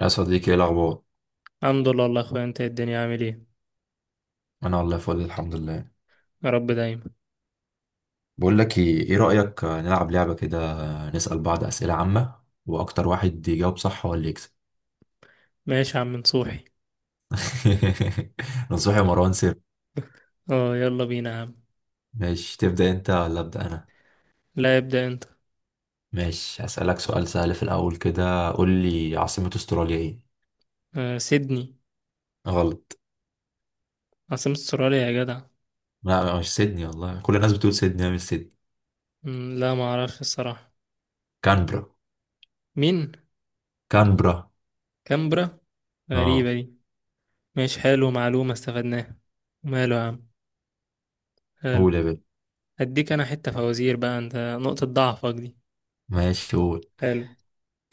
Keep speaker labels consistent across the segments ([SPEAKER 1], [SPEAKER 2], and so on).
[SPEAKER 1] يا صديقي، ايه الاخبار؟
[SPEAKER 2] الحمد لله والله يا اخويا انت إيه الدنيا عامل ايه؟
[SPEAKER 1] انا والله فل الحمد لله.
[SPEAKER 2] يا رب دايما.
[SPEAKER 1] بقول لك ايه، إيه رايك نلعب لعبه كده؟ نسال بعض اسئله عامه، واكتر واحد يجاوب صح هو اللي يكسب.
[SPEAKER 2] ماشي يا عم نصوحي.
[SPEAKER 1] نصوحي يا مروان سير.
[SPEAKER 2] اه يلا بينا يا عم.
[SPEAKER 1] ماشي، تبدا انت ولا ابدا انا؟
[SPEAKER 2] لا ابدأ انت.
[SPEAKER 1] ماشي، هسالك سؤال سهل في الاول كده، قول لي عاصمه استراليا ايه؟
[SPEAKER 2] سيدني.
[SPEAKER 1] غلط.
[SPEAKER 2] عاصمة استراليا يا جدع.
[SPEAKER 1] لا مش سيدني، والله كل الناس بتقول سيدني، هي مش سيدني.
[SPEAKER 2] مم، لا ما اعرفش الصراحة.
[SPEAKER 1] كانبرا
[SPEAKER 2] مين؟
[SPEAKER 1] كانبرا.
[SPEAKER 2] كامبرا. غريبة
[SPEAKER 1] اه.
[SPEAKER 2] دي. ماشي حلو، معلومة استفدناها. ماله يا عم. حلو.
[SPEAKER 1] قول يا بنت.
[SPEAKER 2] هديك انا حتة فوازير بقى انت. نقطة ضعفك دي.
[SPEAKER 1] ماشي قول.
[SPEAKER 2] حلو.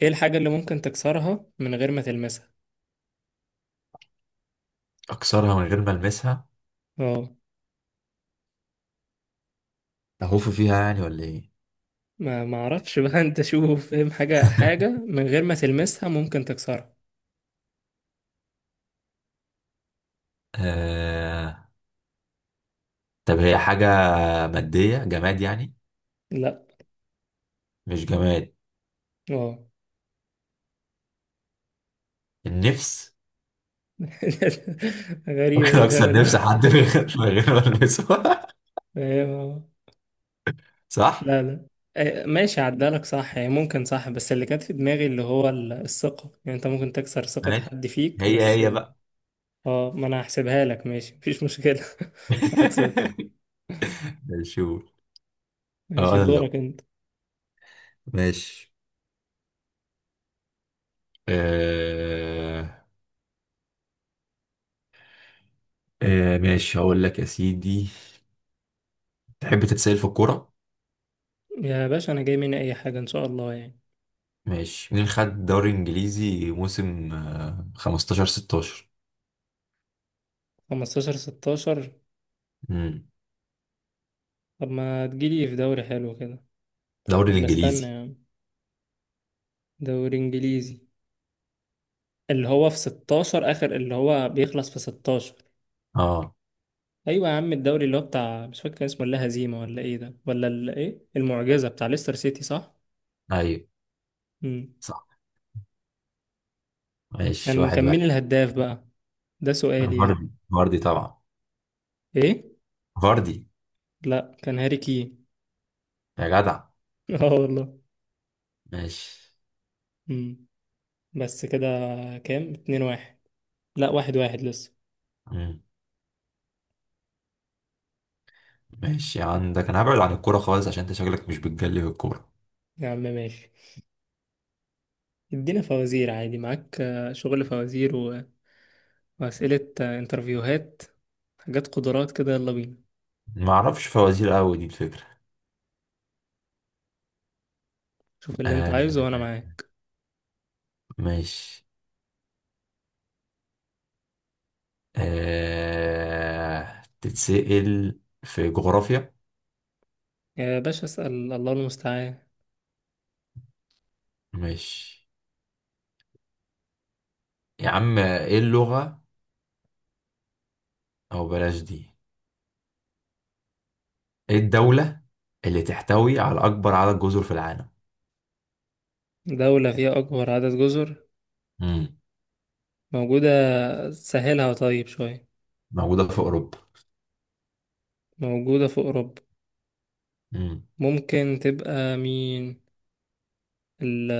[SPEAKER 2] ايه الحاجة اللي ممكن تكسرها من غير ما تلمسها؟
[SPEAKER 1] اكسرها من غير ما المسها؟
[SPEAKER 2] اه،
[SPEAKER 1] اهوف فيها يعني ولا ايه؟
[SPEAKER 2] ما اعرفش بقى. انت شوف، فاهم حاجة حاجة من غير ما تلمسها ممكن تكسرها؟
[SPEAKER 1] آه، طب هي حاجة مادية جماد يعني؟
[SPEAKER 2] لا.
[SPEAKER 1] مش جماد.
[SPEAKER 2] اه.
[SPEAKER 1] النفس.
[SPEAKER 2] غريبة
[SPEAKER 1] ممكن
[SPEAKER 2] دي، فاهم
[SPEAKER 1] أكسر
[SPEAKER 2] اللي هو
[SPEAKER 1] نفس حد من غير من غير ما ألمسه.
[SPEAKER 2] فاهم اه.
[SPEAKER 1] صح؟
[SPEAKER 2] لا لا. ماشي عدالك صح، يعني ممكن صح، بس اللي كانت في دماغي اللي هو الثقة، يعني انت ممكن تكسر ثقة
[SPEAKER 1] ماشي.
[SPEAKER 2] حد فيك
[SPEAKER 1] هي
[SPEAKER 2] بس.
[SPEAKER 1] هي بقى.
[SPEAKER 2] اه، ما انا هحسبها لك، ماشي مفيش مشكلة. 1-0.
[SPEAKER 1] ماشي قول.
[SPEAKER 2] ماشي
[SPEAKER 1] أنا اللي
[SPEAKER 2] دورك
[SPEAKER 1] أقول.
[SPEAKER 2] انت.
[SPEAKER 1] ماشي. آه... ماشي، هقول لك يا سيدي. تحب تتسأل في الكورة؟
[SPEAKER 2] يا باشا انا جاي مني اي حاجة ان شاء الله يعني.
[SPEAKER 1] ماشي، مين خد دوري إنجليزي موسم 15 16؟
[SPEAKER 2] 15 16.
[SPEAKER 1] امم.
[SPEAKER 2] طب ما تجيلي في دوري حلو كده.
[SPEAKER 1] دوري
[SPEAKER 2] ولا استنى
[SPEAKER 1] الإنجليزي.
[SPEAKER 2] يعني. دوري انجليزي. اللي هو في 16، اخر اللي هو بيخلص في 16.
[SPEAKER 1] أه
[SPEAKER 2] ايوه يا عم، الدوري اللي هو بتاع، مش فاكر كان اسمه ولا هزيمه ولا ايه ده، ولا ال- ايه المعجزه بتاع ليستر سيتي، صح؟
[SPEAKER 1] أيوه
[SPEAKER 2] امم.
[SPEAKER 1] صح. ماشي،
[SPEAKER 2] كان
[SPEAKER 1] واحد
[SPEAKER 2] كان
[SPEAKER 1] واحد.
[SPEAKER 2] مين الهداف بقى؟ ده سؤالي يلا.
[SPEAKER 1] فاردي طبعا.
[SPEAKER 2] ايه؟
[SPEAKER 1] فاردي.
[SPEAKER 2] لا كان هاري كين.
[SPEAKER 1] يا جدع.
[SPEAKER 2] اه والله.
[SPEAKER 1] ماشي.
[SPEAKER 2] امم. بس كده. كام، 2-1؟ لا 1-1 لسه.
[SPEAKER 1] مم. ماشي عندك، انا هبعد عن الكورة خالص عشان انت شكلك مش بتجلي في الكورة.
[SPEAKER 2] يا عم ماشي. ادينا فوازير عادي معاك، شغل فوازير و... واسئله، انترفيوهات. حاجات قدرات كده، يلا بينا.
[SPEAKER 1] ما اعرفش فوازير قوي، دي الفكرة.
[SPEAKER 2] شوف اللي انت
[SPEAKER 1] آه.
[SPEAKER 2] عايزه وانا معاك.
[SPEAKER 1] ماشي. تتسأل في جغرافيا؟
[SPEAKER 2] يا باشا اسال، الله المستعان.
[SPEAKER 1] ماشي يا عم، ايه اللغة، او بلاش دي، ايه الدولة اللي تحتوي على اكبر عدد جزر في العالم؟
[SPEAKER 2] دولة فيها أكبر عدد جزر؟
[SPEAKER 1] مم.
[SPEAKER 2] موجودة. سهلها طيب شوية.
[SPEAKER 1] موجودة في اوروبا.
[SPEAKER 2] موجودة في أوروبا.
[SPEAKER 1] مم.
[SPEAKER 2] ممكن تبقى مين؟ ال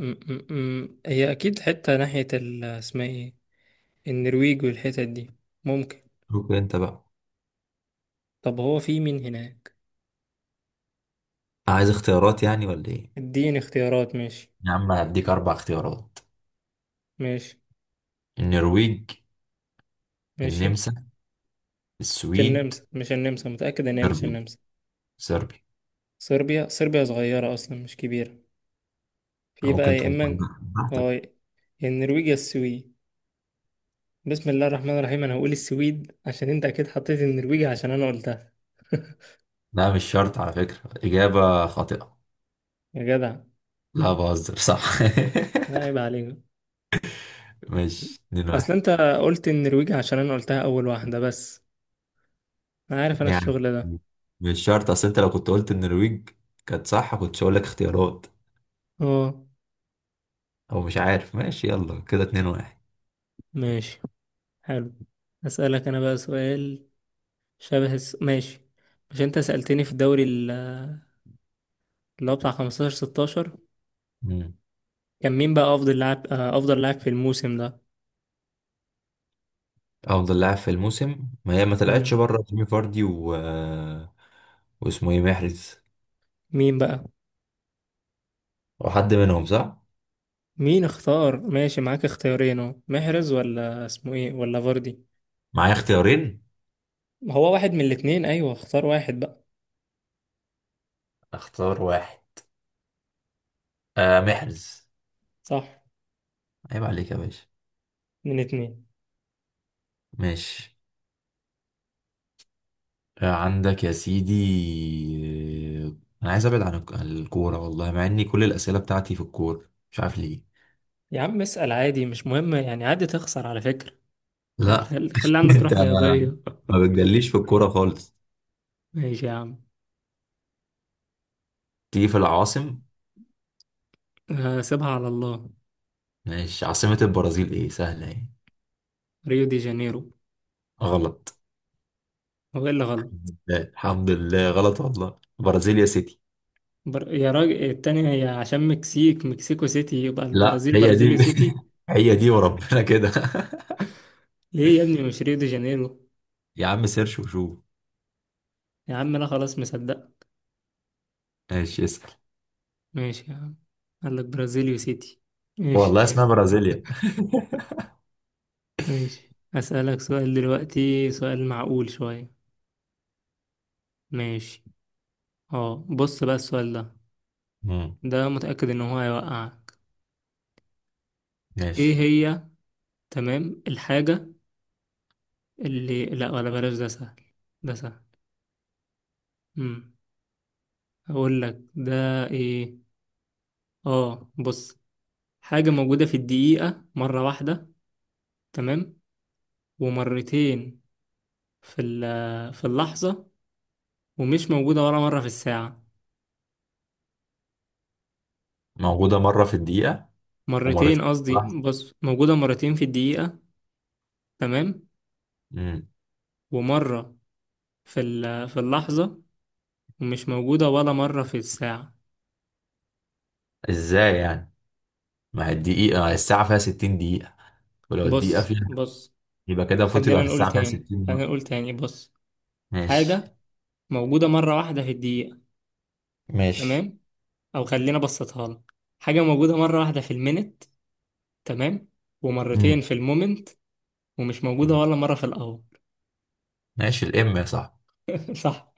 [SPEAKER 2] م- م- م- هي أكيد حتة ناحية ال، اسمها ايه، النرويج والحتت دي. ممكن.
[SPEAKER 1] شوف انت بقى.
[SPEAKER 2] طب هو في مين هناك؟
[SPEAKER 1] عايز اختيارات يعني ولا ايه؟
[SPEAKER 2] اديني اختيارات ماشي.
[SPEAKER 1] يا عم، انا هديك اربع اختيارات.
[SPEAKER 2] ماشي.
[SPEAKER 1] النرويج.
[SPEAKER 2] ماشي.
[SPEAKER 1] النمسا.
[SPEAKER 2] مش
[SPEAKER 1] السويد.
[SPEAKER 2] النمسا، مش النمسا، متأكد إن هي مش
[SPEAKER 1] صربيا
[SPEAKER 2] النمسا.
[SPEAKER 1] صربيا.
[SPEAKER 2] صربيا، صربيا صغيرة أصلا مش كبيرة. في بقى
[SPEAKER 1] ممكن
[SPEAKER 2] يا
[SPEAKER 1] تكون.
[SPEAKER 2] إما.
[SPEAKER 1] براحتك.
[SPEAKER 2] اه. النرويج يا السويد. بسم الله الرحمن الرحيم، انا هقول السويد عشان انت اكيد حطيت النرويج عشان انا قلتها.
[SPEAKER 1] لا مش شرط على فكرة، إجابة خاطئة.
[SPEAKER 2] يا جدع.
[SPEAKER 1] لا بهزر صح.
[SPEAKER 2] لا عيب عليك.
[SPEAKER 1] مش اتنين
[SPEAKER 2] اصل
[SPEAKER 1] واحد؟
[SPEAKER 2] انت قلت النرويج عشان انا قلتها اول واحدة بس. انا عارف انا
[SPEAKER 1] يعني،
[SPEAKER 2] الشغل ده.
[SPEAKER 1] مش شرط. أصل أنت لو كنت قلت النرويج كانت صح، كنتش هقول لك اختيارات.
[SPEAKER 2] اه.
[SPEAKER 1] أو مش عارف. ماشي يلا كده، اتنين واحد.
[SPEAKER 2] ماشي. حلو. اسألك انا بقى سؤال. ماشي. مش انت سألتني في الدوري اللي هو بتاع 15 16؟
[SPEAKER 1] مم.
[SPEAKER 2] كان مين بقى افضل لاعب في الموسم ده؟
[SPEAKER 1] أفضل لاعب في الموسم، ما هي ما
[SPEAKER 2] مم.
[SPEAKER 1] طلعتش بره جيمي فاردي و... واسمه إيه، محرز.
[SPEAKER 2] مين بقى؟
[SPEAKER 1] وحد منهم صح؟
[SPEAKER 2] مين اختار، ماشي معاك اختيارين، اهو محرز ولا اسمه ايه ولا فاردي.
[SPEAKER 1] معايا اختيارين.
[SPEAKER 2] ما هو واحد من الاتنين، ايوه اختار واحد بقى.
[SPEAKER 1] اختار واحد. محرز.
[SPEAKER 2] صح.
[SPEAKER 1] عيب عليك يا باشا.
[SPEAKER 2] من اتنين.
[SPEAKER 1] ماشي. عندك يا سيدي. آه، انا عايز ابعد عن عن الكوره، والله مع اني كل الاسئله بتاعتي في الكوره مش عارف ليه.
[SPEAKER 2] يا عم اسأل عادي، مش مهم يعني، عادي تخسر على فكرة.
[SPEAKER 1] لا،
[SPEAKER 2] خلي عندك
[SPEAKER 1] انت
[SPEAKER 2] روح رياضية.
[SPEAKER 1] ما بتجليش في الكوره خالص.
[SPEAKER 2] ماشي يا عم.
[SPEAKER 1] تيجي في العواصم.
[SPEAKER 2] سيبها على الله.
[SPEAKER 1] ماشي، عاصمه البرازيل ايه، سهله ايه؟
[SPEAKER 2] ريو دي جانيرو.
[SPEAKER 1] غلط.
[SPEAKER 2] هو ايه اللي غلط؟
[SPEAKER 1] لا، الحمد لله غلط، والله برازيليا سيتي.
[SPEAKER 2] يا راجل التانية، هي عشان مكسيك، مكسيكو سيتي، يبقى
[SPEAKER 1] لا
[SPEAKER 2] البرازيل
[SPEAKER 1] هي
[SPEAKER 2] برازيلي
[SPEAKER 1] دي.
[SPEAKER 2] سيتي.
[SPEAKER 1] هي دي وربنا كده.
[SPEAKER 2] ليه يا ابني مش ريو دي جانيرو؟
[SPEAKER 1] يا عم سيرش وشوف.
[SPEAKER 2] يا عم انا خلاص مصدق.
[SPEAKER 1] ماشي، اسال.
[SPEAKER 2] ماشي يا عم. قال لك برازيليو سيتي. ماشي.
[SPEAKER 1] والله اسمها برازيليا.
[SPEAKER 2] ماشي، أسألك سؤال دلوقتي سؤال معقول شوية. ماشي. اه بص بقى السؤال ده،
[SPEAKER 1] مم،
[SPEAKER 2] ده متأكد ان هو هيوقعك. ايه
[SPEAKER 1] ماشي.
[SPEAKER 2] هي تمام الحاجة اللي، لا ولا بلاش ده سهل. ده سهل. امم. هقول لك ده. ايه؟ اه بص. حاجة موجودة في الدقيقة مرة واحدة. تمام؟ ومرتين في في اللحظة. ومش موجودة ولا مرة في الساعة.
[SPEAKER 1] موجودة مرة في الدقيقة،
[SPEAKER 2] مرتين
[SPEAKER 1] ومرتين في
[SPEAKER 2] قصدي،
[SPEAKER 1] اللحظة.
[SPEAKER 2] بص موجودة مرتين في الدقيقة. تمام؟
[SPEAKER 1] امم.
[SPEAKER 2] ومرة في في اللحظة. ومش موجودة ولا مرة في الساعة.
[SPEAKER 1] ازاي يعني؟ ما هي الدقيقة، ما هي الساعة فيها 60 دقيقة، ولو الدقيقة
[SPEAKER 2] بص
[SPEAKER 1] فيها،
[SPEAKER 2] بص.
[SPEAKER 1] يبقى كده المفروض يبقى
[SPEAKER 2] خلينا
[SPEAKER 1] في
[SPEAKER 2] نقول
[SPEAKER 1] الساعة فيها
[SPEAKER 2] تاني،
[SPEAKER 1] 60
[SPEAKER 2] خلينا
[SPEAKER 1] مرة.
[SPEAKER 2] نقول تاني، بص.
[SPEAKER 1] ماشي.
[SPEAKER 2] حاجة موجودة مرة واحدة في الدقيقة.
[SPEAKER 1] ماشي.
[SPEAKER 2] تمام؟ أو خلينا بسطها لك. حاجة موجودة مرة واحدة في المينت. تمام؟ ومرتين
[SPEAKER 1] امم.
[SPEAKER 2] في المومنت. ومش موجودة ولا مرة في الأول.
[SPEAKER 1] ماشي، الام يا صاحبي.
[SPEAKER 2] صح.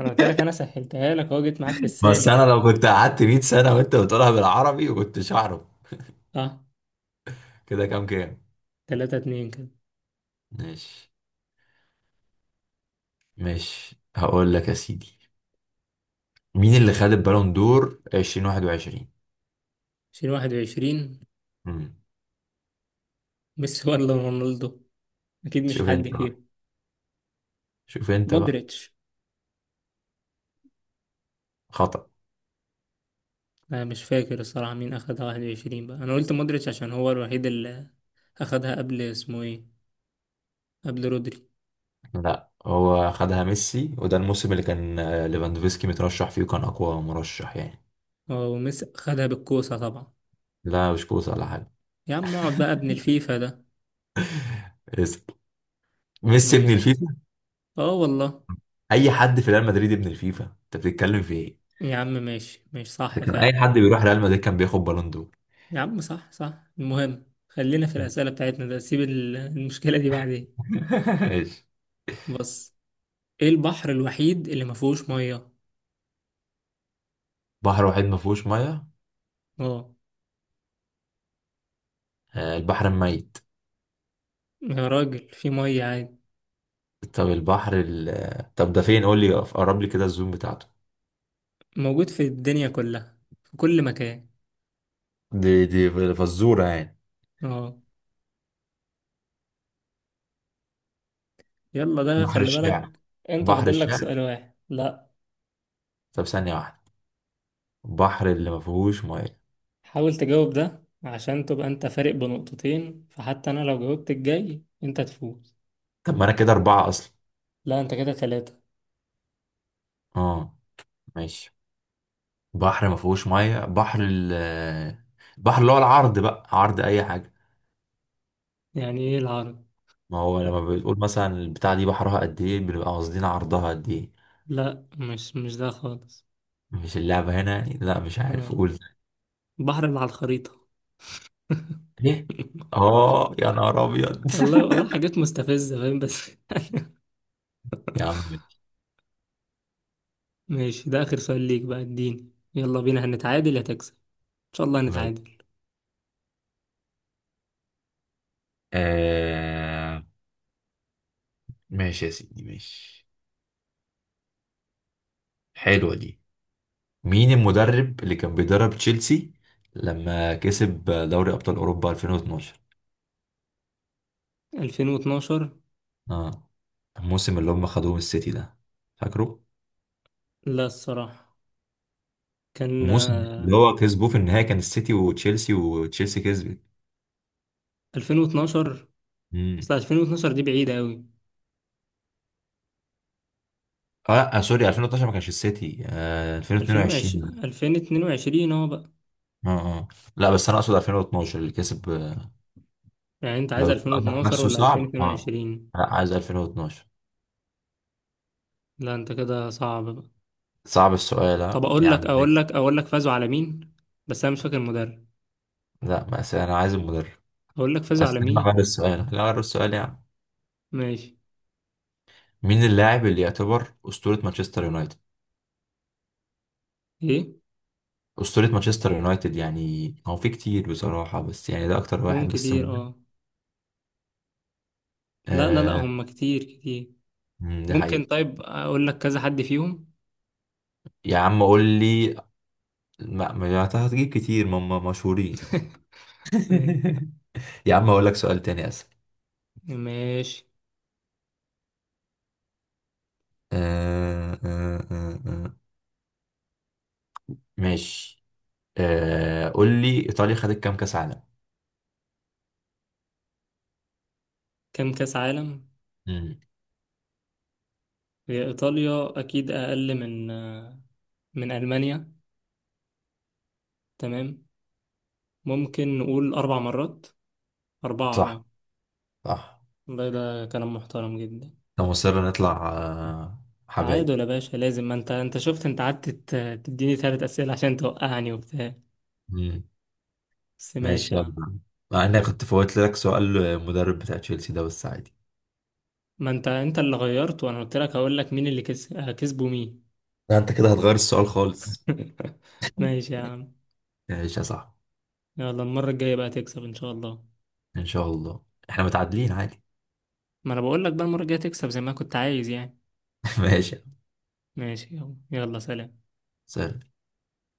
[SPEAKER 2] أنا قلت لك، أنا سهلتها لك أهو، جيت معاك في
[SPEAKER 1] بس انا
[SPEAKER 2] السالك.
[SPEAKER 1] لو كنت قعدت 100 سنة وانت بتقولها بالعربي كنتش اعرف.
[SPEAKER 2] صح.
[SPEAKER 1] كده كام كام؟
[SPEAKER 2] 3-2 كده.
[SPEAKER 1] ماشي. ماشي، هقول لك يا سيدي، مين اللي خد البالون دور 2021؟
[SPEAKER 2] 2021؟
[SPEAKER 1] امم.
[SPEAKER 2] ميسي ولا رونالدو؟ أكيد مش
[SPEAKER 1] شوف
[SPEAKER 2] حد
[SPEAKER 1] انت بقى
[SPEAKER 2] فيهم.
[SPEAKER 1] شوف انت بقى.
[SPEAKER 2] مودريتش.
[SPEAKER 1] خطأ.
[SPEAKER 2] أنا مش فاكر الصراحة مين أخدها 21، بقى أنا قلت مودريتش عشان هو الوحيد اللي اخدها قبل، اسمه ايه، قبل رودري.
[SPEAKER 1] لا هو خدها ميسي، وده الموسم اللي كان ليفاندوفسكي مترشح فيه وكان اقوى مرشح يعني.
[SPEAKER 2] اه وميسي خدها بالكوسة طبعا.
[SPEAKER 1] لا مش كوسه ولا حاجه.
[SPEAKER 2] يا عم اقعد بقى، ابن الفيفا ده.
[SPEAKER 1] اسأل. ميسي ابن
[SPEAKER 2] ماشي.
[SPEAKER 1] الفيفا؟
[SPEAKER 2] اه والله.
[SPEAKER 1] اي حد في ريال مدريد ابن الفيفا، انت بتتكلم في ايه؟
[SPEAKER 2] يا عم ماشي، ماشي
[SPEAKER 1] ده
[SPEAKER 2] صح
[SPEAKER 1] كان اي
[SPEAKER 2] فعلا.
[SPEAKER 1] حد بيروح ريال مدريد كان بياخد بالون دور.
[SPEAKER 2] يا عم صح، صح، المهم خلينا في الأسئلة بتاعتنا، ده سيب المشكلة دي بعدين.
[SPEAKER 1] ماشي.
[SPEAKER 2] بص. ايه البحر الوحيد اللي ما فيهوش مية؟
[SPEAKER 1] بحر واحد ما فيهوش ميه؟
[SPEAKER 2] اه.
[SPEAKER 1] البحر الميت.
[SPEAKER 2] يا راجل في مية عادي.
[SPEAKER 1] طب البحر طب ده فين، قول لي قرب لي كده الزوم بتاعته.
[SPEAKER 2] موجود في الدنيا كلها، في كل مكان.
[SPEAKER 1] دي فزوره يعني؟
[SPEAKER 2] اه يلا، ده
[SPEAKER 1] بحر
[SPEAKER 2] خلي
[SPEAKER 1] الشعر؟
[SPEAKER 2] بالك. انت
[SPEAKER 1] بحر
[SPEAKER 2] فاضل لك
[SPEAKER 1] الشعر.
[SPEAKER 2] سؤال واحد، لا؟
[SPEAKER 1] طب ثانيه واحده. بحر اللي ما فيهوش ميه.
[SPEAKER 2] حاول تجاوب ده عشان تبقى انت فارق بنقطتين، فحتى انا لو جاوبت الجاي انت تفوز.
[SPEAKER 1] طب ما انا كده اربعة اصلا.
[SPEAKER 2] لا انت كده 3.
[SPEAKER 1] اه. ماشي. بحر ما فيهوش ميه، بحر البحر اللي هو العرض بقى، عرض اي حاجة.
[SPEAKER 2] يعني ايه العرض؟
[SPEAKER 1] ما هو لما بتقول مثلا البتاع دي بحرها قد ايه، بنبقى قاصدين عرضها قد ايه.
[SPEAKER 2] لا، مش ده خالص.
[SPEAKER 1] مش اللعبة هنا يعني؟ لا مش
[SPEAKER 2] اه.
[SPEAKER 1] عارف، قول.
[SPEAKER 2] البحر اللي على الخريطة.
[SPEAKER 1] ايه؟ اه يا نهار ابيض!
[SPEAKER 2] والله والله، حاجات مستفزة فاهم بس.
[SPEAKER 1] يا عم ماشي.
[SPEAKER 2] ماشي ده اخر سؤال ليك بقى، اديني يلا بينا، هنتعادل يا تكسب ان شاء الله،
[SPEAKER 1] ماشي.
[SPEAKER 2] هنتعادل.
[SPEAKER 1] آه. ماشي يا سيدي، ماشي. حلوة دي. مين المدرب اللي كان بيدرب تشيلسي لما كسب دوري أبطال أوروبا 2012؟
[SPEAKER 2] 2012؟
[SPEAKER 1] اه. الموسم اللي هم خدوه من السيتي ده، فاكره؟
[SPEAKER 2] لا الصراحة. كان
[SPEAKER 1] الموسم اللي هو كسبوه في النهاية كان السيتي وتشيلسي، وتشيلسي كسبت.
[SPEAKER 2] 2012، اصل
[SPEAKER 1] امم.
[SPEAKER 2] 2012 دي بعيدة قوي.
[SPEAKER 1] اه لأ، سوري، 2013 ما كانش السيتي، 2022.
[SPEAKER 2] 2020، 2022 اهو بقى.
[SPEAKER 1] اه اه. لا بس انا اقصد 2012 اللي كسب
[SPEAKER 2] يعني انت عايز
[SPEAKER 1] لو السؤال
[SPEAKER 2] 2012
[SPEAKER 1] نفسه
[SPEAKER 2] ولا
[SPEAKER 1] صعب اه.
[SPEAKER 2] 2022؟
[SPEAKER 1] لا عايز 2012.
[SPEAKER 2] لا انت كده صعب بقى.
[SPEAKER 1] صعب السؤال
[SPEAKER 2] طب
[SPEAKER 1] اه، يا
[SPEAKER 2] اقول
[SPEAKER 1] عم
[SPEAKER 2] لك، اقول
[SPEAKER 1] ماشي.
[SPEAKER 2] لك، اقول لك فازوا على مين، بس انا مش فاكر المدرب.
[SPEAKER 1] لا بس انا عايز المدرب.
[SPEAKER 2] اقول لك فازوا
[SPEAKER 1] بس
[SPEAKER 2] على
[SPEAKER 1] انا غير
[SPEAKER 2] مين.
[SPEAKER 1] السؤال، لا غير السؤال يعني.
[SPEAKER 2] ماشي.
[SPEAKER 1] مين اللاعب اللي يعتبر أسطورة مانشستر يونايتد؟
[SPEAKER 2] ايه؟
[SPEAKER 1] أسطورة مانشستر يونايتد، يعني هو في كتير بصراحة، بس يعني ده أكتر
[SPEAKER 2] هم
[SPEAKER 1] واحد بس
[SPEAKER 2] كتير
[SPEAKER 1] مهم.
[SPEAKER 2] اه. لا لا لا،
[SPEAKER 1] آه.
[SPEAKER 2] هم كتير كتير.
[SPEAKER 1] مم، ده
[SPEAKER 2] ممكن،
[SPEAKER 1] حقيقي.
[SPEAKER 2] طيب اقول لك كذا حد فيهم.
[SPEAKER 1] يا عم قول لي. ما أنت هتجيب كتير ما هم مشهورين.
[SPEAKER 2] ماشي.
[SPEAKER 1] يا عم أقول لك سؤال تاني أسهل.
[SPEAKER 2] ماشي.
[SPEAKER 1] آه آه آه آه. ماشي. قول لي، إيطاليا خدت كام كأس عالم؟
[SPEAKER 2] كم كاس عالم؟
[SPEAKER 1] مم.
[SPEAKER 2] هي ايطاليا اكيد اقل من، من المانيا. تمام. ممكن نقول 4 مرات. 4
[SPEAKER 1] صح.
[SPEAKER 2] اه.
[SPEAKER 1] صح.
[SPEAKER 2] والله ده كلام محترم جدا.
[SPEAKER 1] أنا مصر نطلع حبايب.
[SPEAKER 2] تعادل يا باشا لازم، ما انت شفت، انت قعدت تديني 3 اسئله عشان توقعني وبتاع.
[SPEAKER 1] مم.
[SPEAKER 2] بس ماشي
[SPEAKER 1] ماشي
[SPEAKER 2] يا عم.
[SPEAKER 1] يلا. مع إني كنت فوت لك سؤال المدرب بتاع تشيلسي ده، بس عادي.
[SPEAKER 2] ما انت اللي غيرت، وانا قلت لك هقول لك مين اللي كس... آه، كسبه مين.
[SPEAKER 1] لا انت كده هتغير السؤال خالص.
[SPEAKER 2] ماشي يا عم.
[SPEAKER 1] ماشي يا صاحبي.
[SPEAKER 2] يلا المره الجايه بقى تكسب ان شاء الله.
[SPEAKER 1] ان شاء الله احنا متعادلين عادي.
[SPEAKER 2] ما انا بقول لك بقى، المره الجايه تكسب زي ما كنت عايز يعني.
[SPEAKER 1] ماشي.
[SPEAKER 2] ماشي يلا يلا سلام.
[SPEAKER 1] سهل.